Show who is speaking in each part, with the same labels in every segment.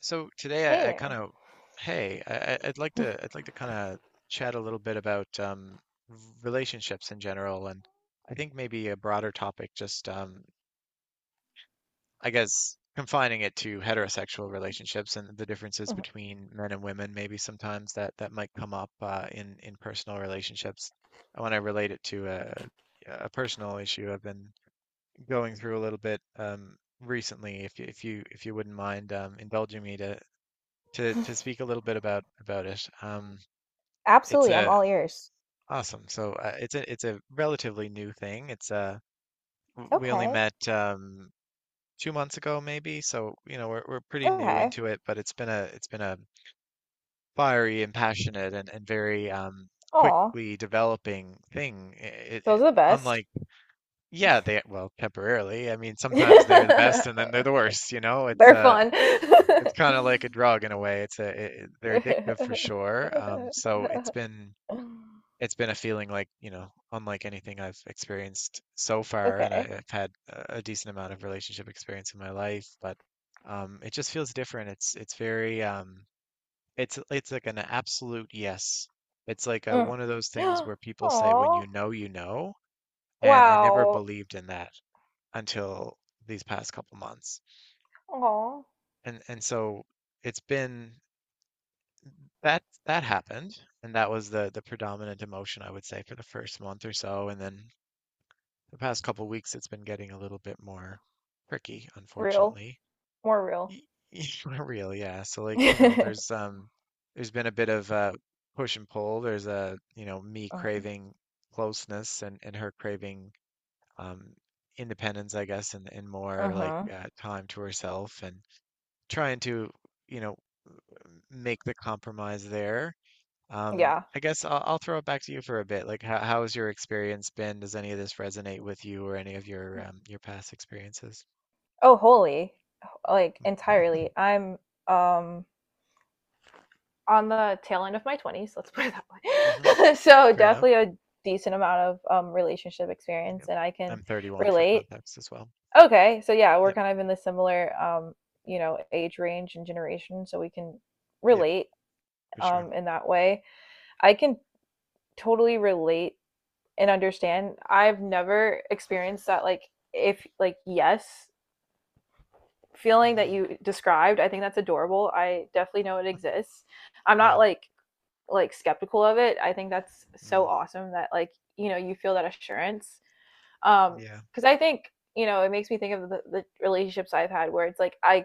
Speaker 1: So today
Speaker 2: Hey there.
Speaker 1: hey, I'd like to kind of chat a little bit about relationships in general, and I think maybe a broader topic, just I guess confining it to heterosexual relationships and the differences
Speaker 2: Mhm.
Speaker 1: between men and women, maybe sometimes that might come up in personal relationships. I want to relate it to a personal issue I've been going through a little bit recently. If you wouldn't mind indulging me to speak a little bit about it. It's
Speaker 2: Absolutely, I'm
Speaker 1: a
Speaker 2: all ears.
Speaker 1: Awesome. So it's a relatively new thing. We only
Speaker 2: Okay.
Speaker 1: met 2 months ago maybe, so you know we're pretty new
Speaker 2: Okay.
Speaker 1: into it, but it's been a fiery and passionate and very
Speaker 2: Aw.
Speaker 1: quickly developing thing. It,
Speaker 2: Those
Speaker 1: it,
Speaker 2: are the best.
Speaker 1: unlike Yeah, they, well, temporarily. I mean sometimes they're the best and then they're the worst. You know
Speaker 2: They're fun.
Speaker 1: it's kind of like a drug in a way. It's a it, it- They're addictive for sure. So it's been a feeling like, unlike anything I've experienced so far, and
Speaker 2: Okay.
Speaker 1: I've had a decent amount of relationship experience in my life, but it just feels different. It's very, it's like an absolute yes. It's like
Speaker 2: Mm.
Speaker 1: one of those things where people say, when
Speaker 2: Aw.
Speaker 1: you know, and I never
Speaker 2: Wow.
Speaker 1: believed in that until these past couple months,
Speaker 2: Aw.
Speaker 1: and so it's been that that happened, and that was the predominant emotion I would say for the first month or so, and then the past couple weeks, it's been getting a little bit more tricky,
Speaker 2: Real.
Speaker 1: unfortunately.
Speaker 2: More real.
Speaker 1: Y- Not real, yeah. So, like, you know, there's been a bit of push and pull. There's a, you know, me craving closeness and her craving um independence, I guess, and more like
Speaker 2: Mm-hmm.
Speaker 1: time to herself and trying to, you know, make the compromise there.
Speaker 2: Yeah.
Speaker 1: I guess I'll throw it back to you for a bit. Like, how has your experience been? Does any of this resonate with you or any of your past experiences?
Speaker 2: Oh, holy. Like entirely. I'm um on the tail end of my 20s, let's put it
Speaker 1: Mm-hmm.
Speaker 2: that way. So,
Speaker 1: Fair enough.
Speaker 2: definitely a decent amount of relationship experience,
Speaker 1: Yep.
Speaker 2: and I can
Speaker 1: I'm 31 for
Speaker 2: relate.
Speaker 1: context as well.
Speaker 2: Okay, so yeah, we're
Speaker 1: Yep.
Speaker 2: kind of in the similar, you know, age range and generation, so we can
Speaker 1: Yep.
Speaker 2: relate
Speaker 1: For sure.
Speaker 2: in that way. I can totally relate and understand. I've never experienced that, like, if, like, yes feeling that
Speaker 1: Hmm.
Speaker 2: you described. I think that's adorable. I definitely know it exists. I'm not
Speaker 1: Yeah.
Speaker 2: like skeptical of it. I think that's
Speaker 1: Mm.
Speaker 2: so awesome that, like, you know, you feel that assurance, um
Speaker 1: Yeah.
Speaker 2: because I think, you know, it makes me think of the relationships I've had where it's like I,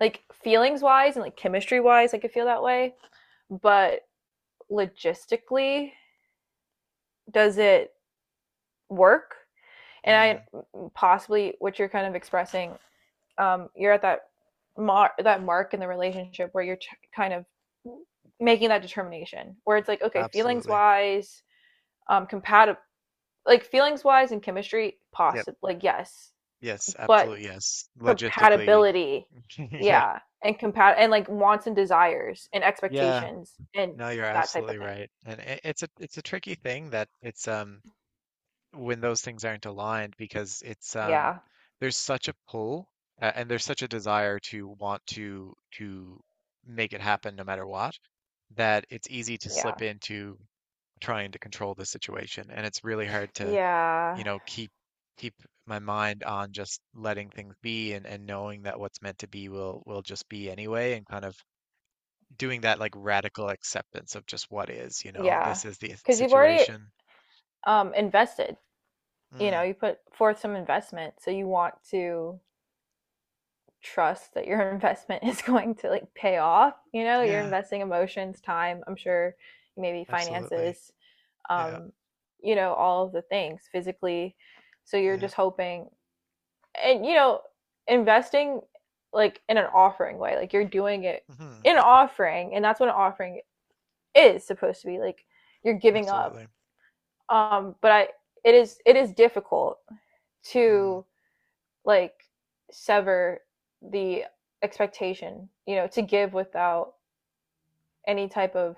Speaker 2: like, feelings wise and like chemistry wise I could feel that way, but logistically, does it work? And
Speaker 1: Mm.
Speaker 2: I possibly what you're kind of expressing, you're at that that mark in the relationship where you're kind of making that determination where it's like, okay, feelings
Speaker 1: Absolutely.
Speaker 2: wise compatible, like feelings wise and chemistry,
Speaker 1: Yep.
Speaker 2: possibly, like, yes,
Speaker 1: Yes.
Speaker 2: but
Speaker 1: Absolutely. Yes. Logistically.
Speaker 2: compatibility,
Speaker 1: Yeah.
Speaker 2: yeah, and compat and like wants and desires and
Speaker 1: Yeah.
Speaker 2: expectations and
Speaker 1: No, you're
Speaker 2: that type of
Speaker 1: absolutely
Speaker 2: thing.
Speaker 1: right. And it's a tricky thing that it's when those things aren't aligned, because it's
Speaker 2: Yeah.
Speaker 1: there's such a pull, and there's such a desire to want to make it happen no matter what, that it's easy to slip
Speaker 2: Yeah.
Speaker 1: into trying to control the situation, and it's really hard to, you
Speaker 2: Yeah,
Speaker 1: know, keep my mind on just letting things be, and knowing that what's meant to be will just be anyway, and kind of doing that, like, radical acceptance of just what is. You know,
Speaker 2: yeah,
Speaker 1: this is the
Speaker 2: because you've already
Speaker 1: situation.
Speaker 2: invested. You know,
Speaker 1: Mm.
Speaker 2: you put forth some investment, so you want to trust that your investment is going to like pay off. You know, you're
Speaker 1: Yeah,
Speaker 2: investing emotions, time. I'm sure maybe
Speaker 1: absolutely.
Speaker 2: finances,
Speaker 1: Yeah,
Speaker 2: um, you know, all of the things physically. So you're
Speaker 1: yeah.
Speaker 2: just hoping, and, you know, investing, like, in an offering way, like you're doing it
Speaker 1: Hmm.
Speaker 2: in an offering, and that's what an offering is supposed to be. Like, you're giving up.
Speaker 1: Absolutely.
Speaker 2: Um, but I, it is difficult
Speaker 1: Mm.
Speaker 2: to like sever the expectation, you know, to give without any type of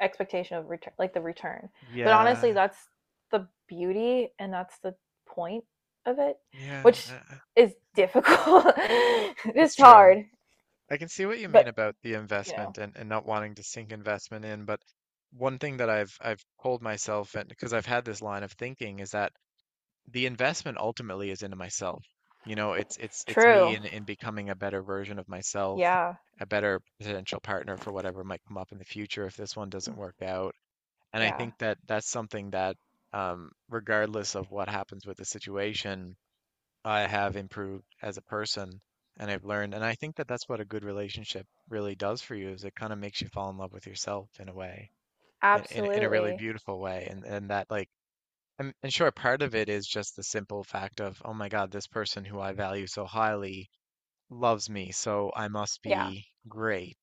Speaker 2: expectation of return, like the return. But
Speaker 1: Yeah,
Speaker 2: honestly, that's the beauty and that's the point of it,
Speaker 1: yeah.
Speaker 2: which is
Speaker 1: Yeah.
Speaker 2: difficult.
Speaker 1: It's
Speaker 2: It's
Speaker 1: true.
Speaker 2: hard.
Speaker 1: I can see what you
Speaker 2: But
Speaker 1: mean about the
Speaker 2: you know.
Speaker 1: investment, and not wanting to sink investment in, but one thing that I've told myself, and because I've had this line of thinking, is that the investment ultimately is into myself. You know, it's me
Speaker 2: True.
Speaker 1: in becoming a better version of myself,
Speaker 2: Yeah.
Speaker 1: a better potential partner for whatever might come up in the future if this one doesn't work out. And I
Speaker 2: Yeah.
Speaker 1: think that that's something that, regardless of what happens with the situation, I have improved as a person and I've learned. And I think that that's what a good relationship really does for you is it kind of makes you fall in love with yourself in a way, in a really
Speaker 2: Absolutely.
Speaker 1: beautiful way. And that like, and sure, part of it is just the simple fact of, oh my God, this person who I value so highly loves me, so I must
Speaker 2: Yeah.
Speaker 1: be great.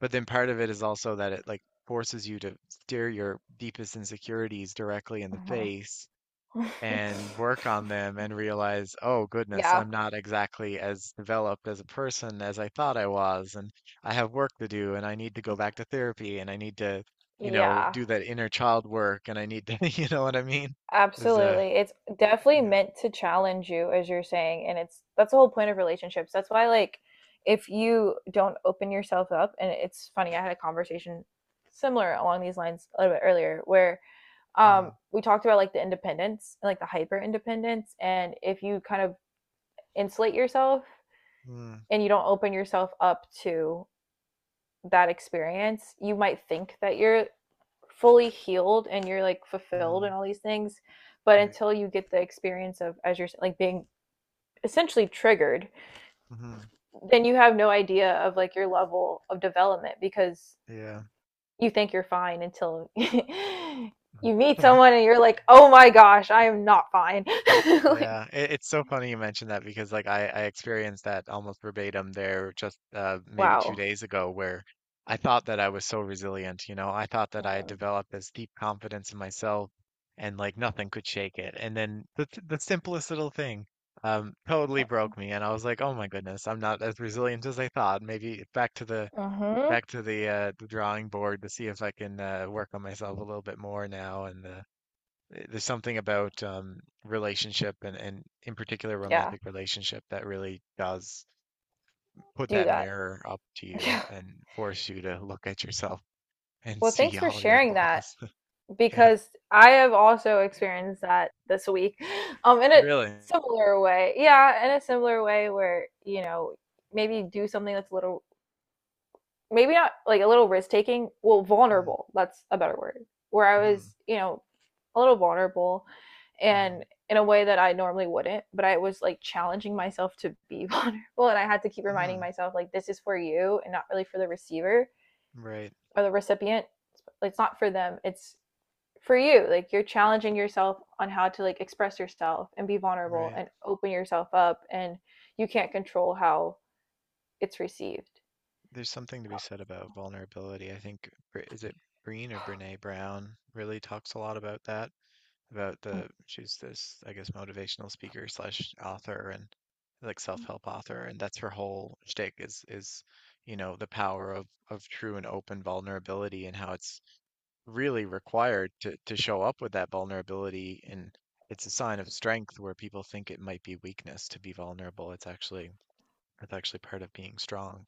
Speaker 1: But then part of it is also that it, like, forces you to stare your deepest insecurities directly in the
Speaker 2: Mhm.
Speaker 1: face and work on them and realize, oh goodness,
Speaker 2: Yeah.
Speaker 1: I'm not exactly as developed as a person as I thought I was, and I have work to do, and I need to go back to therapy, and I need to, you know,
Speaker 2: Yeah.
Speaker 1: do that inner child work, and I need to, you know what I mean? Is
Speaker 2: Absolutely. It's definitely
Speaker 1: Yeah.
Speaker 2: meant to challenge you, as you're saying, and it's that's the whole point of relationships. That's why, like, if you don't open yourself up. And it's funny, I had a conversation similar along these lines a little bit earlier where
Speaker 1: Mm,
Speaker 2: we talked about, like, the independence and like the hyper independence, and if you kind of insulate yourself
Speaker 1: mm,
Speaker 2: and you don't open yourself up to that experience, you might think that you're fully healed and you're like fulfilled
Speaker 1: mm,
Speaker 2: and all these things, but
Speaker 1: right.
Speaker 2: until you get the experience of as you're, like, being essentially triggered,
Speaker 1: Hmm.
Speaker 2: then you have no idea of like your level of development, because
Speaker 1: Yeah.
Speaker 2: you think you're fine until you meet someone and you're like, oh my gosh, I am not fine. Like.
Speaker 1: Yeah, it's so funny you mentioned that because, like, I experienced that almost verbatim there just maybe two
Speaker 2: Wow.
Speaker 1: days ago, where I thought that I was so resilient, you know, I thought that I had
Speaker 2: Mm-hmm.
Speaker 1: developed this deep confidence in myself and, like, nothing could shake it. And then the simplest little thing totally broke me, and I was like, "Oh my goodness, I'm not as resilient as I thought. Maybe back to the
Speaker 2: Mm-hmm.
Speaker 1: the drawing board to see if I can, work on myself a little bit more now, and there's something about relationship and, in particular,
Speaker 2: Yeah.
Speaker 1: romantic relationship that really does put
Speaker 2: Do
Speaker 1: that
Speaker 2: that.
Speaker 1: mirror up to you
Speaker 2: Yeah.
Speaker 1: and force you to look at yourself and
Speaker 2: Well,
Speaker 1: see
Speaker 2: thanks for
Speaker 1: all your
Speaker 2: sharing that,
Speaker 1: flaws. Yeah.
Speaker 2: because I have also experienced that this week, in a
Speaker 1: Really?
Speaker 2: similar way. Yeah, in a similar way where, you know, maybe do something that's a little, maybe not like a little risk taking. Well, vulnerable. That's a better word. Where I
Speaker 1: Mm-hmm.
Speaker 2: was, you know, a little vulnerable, and
Speaker 1: Mm-hmm.
Speaker 2: in a way that I normally wouldn't. But I was like challenging myself to be vulnerable, and I had to keep reminding
Speaker 1: Hmm.
Speaker 2: myself, like, this is for you and not really for the receiver
Speaker 1: Right.
Speaker 2: or the recipient. It's not for them. It's for you, like you're challenging yourself on how to, like, express yourself and be vulnerable
Speaker 1: Right.
Speaker 2: and open yourself up, and you can't control how it's received.
Speaker 1: There's something to be said about vulnerability. I think is it Breen or Brene Brown really talks a lot about that. About the She's this, I guess, motivational speaker slash author, and, like, self-help author, and that's her whole shtick is, the power of true and open vulnerability, and how it's really required to show up with that vulnerability, and it's a sign of strength where people think it might be weakness to be vulnerable. It's actually part of being strong.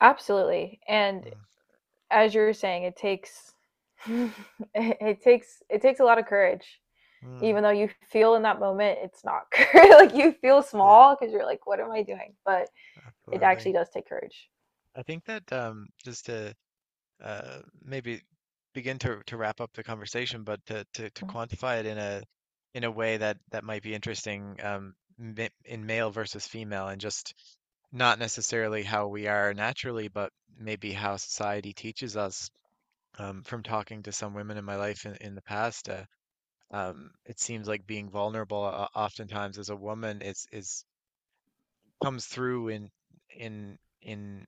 Speaker 2: Absolutely. And
Speaker 1: Mm.
Speaker 2: as you were saying, it takes it, it takes a lot of courage,
Speaker 1: Mm.
Speaker 2: even though you feel in that moment it's not, like you feel
Speaker 1: Yeah,
Speaker 2: small because you're like, what am I doing? But it actually
Speaker 1: absolutely.
Speaker 2: does take courage.
Speaker 1: I think that just to, maybe begin to wrap up the conversation, but to quantify it in a way that might be interesting, in male versus female, and just not necessarily how we are naturally, but maybe how society teaches us. From talking to some women in my life in the past, it seems like being vulnerable oftentimes, as a woman, is comes through in in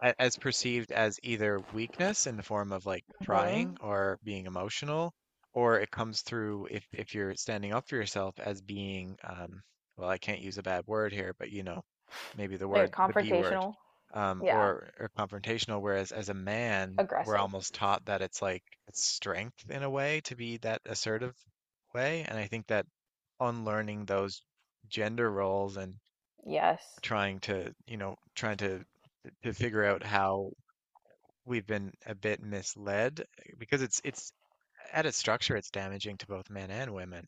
Speaker 1: as perceived as either weakness in the form of, like, trying
Speaker 2: Mm-hmm.
Speaker 1: or being emotional, or it comes through if you're standing up for yourself as being, well, I can't use a bad word here, but, you know, maybe
Speaker 2: Like
Speaker 1: the B word,
Speaker 2: confrontational. Yeah.
Speaker 1: or confrontational. Whereas as a man, we're
Speaker 2: Aggressive.
Speaker 1: almost taught that it's strength in a way to be that assertive way, and I think that unlearning those gender roles and
Speaker 2: Yes.
Speaker 1: trying to figure out how we've been a bit misled, because it's at its structure it's damaging to both men and women,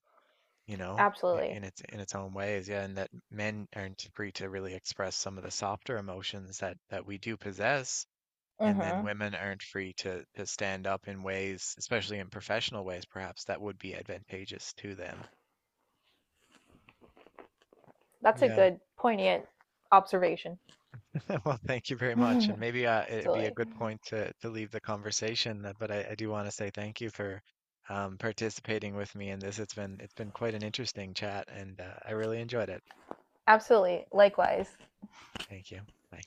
Speaker 1: you know,
Speaker 2: Absolutely.
Speaker 1: in its own ways. Yeah, and that men aren't free to really express some of the softer emotions that we do possess, and then
Speaker 2: Mm-hmm.
Speaker 1: women aren't free to stand up in ways, especially in professional ways perhaps, that would be advantageous to them.
Speaker 2: That's a
Speaker 1: Yeah.
Speaker 2: good, poignant observation.
Speaker 1: Well, thank you very much. And maybe, it'd be a
Speaker 2: Absolutely.
Speaker 1: good point to leave the conversation, but I do want to say thank you for participating with me in this. It's been quite an interesting chat, and I really enjoyed it.
Speaker 2: Absolutely. Likewise.
Speaker 1: Thank you. Bye.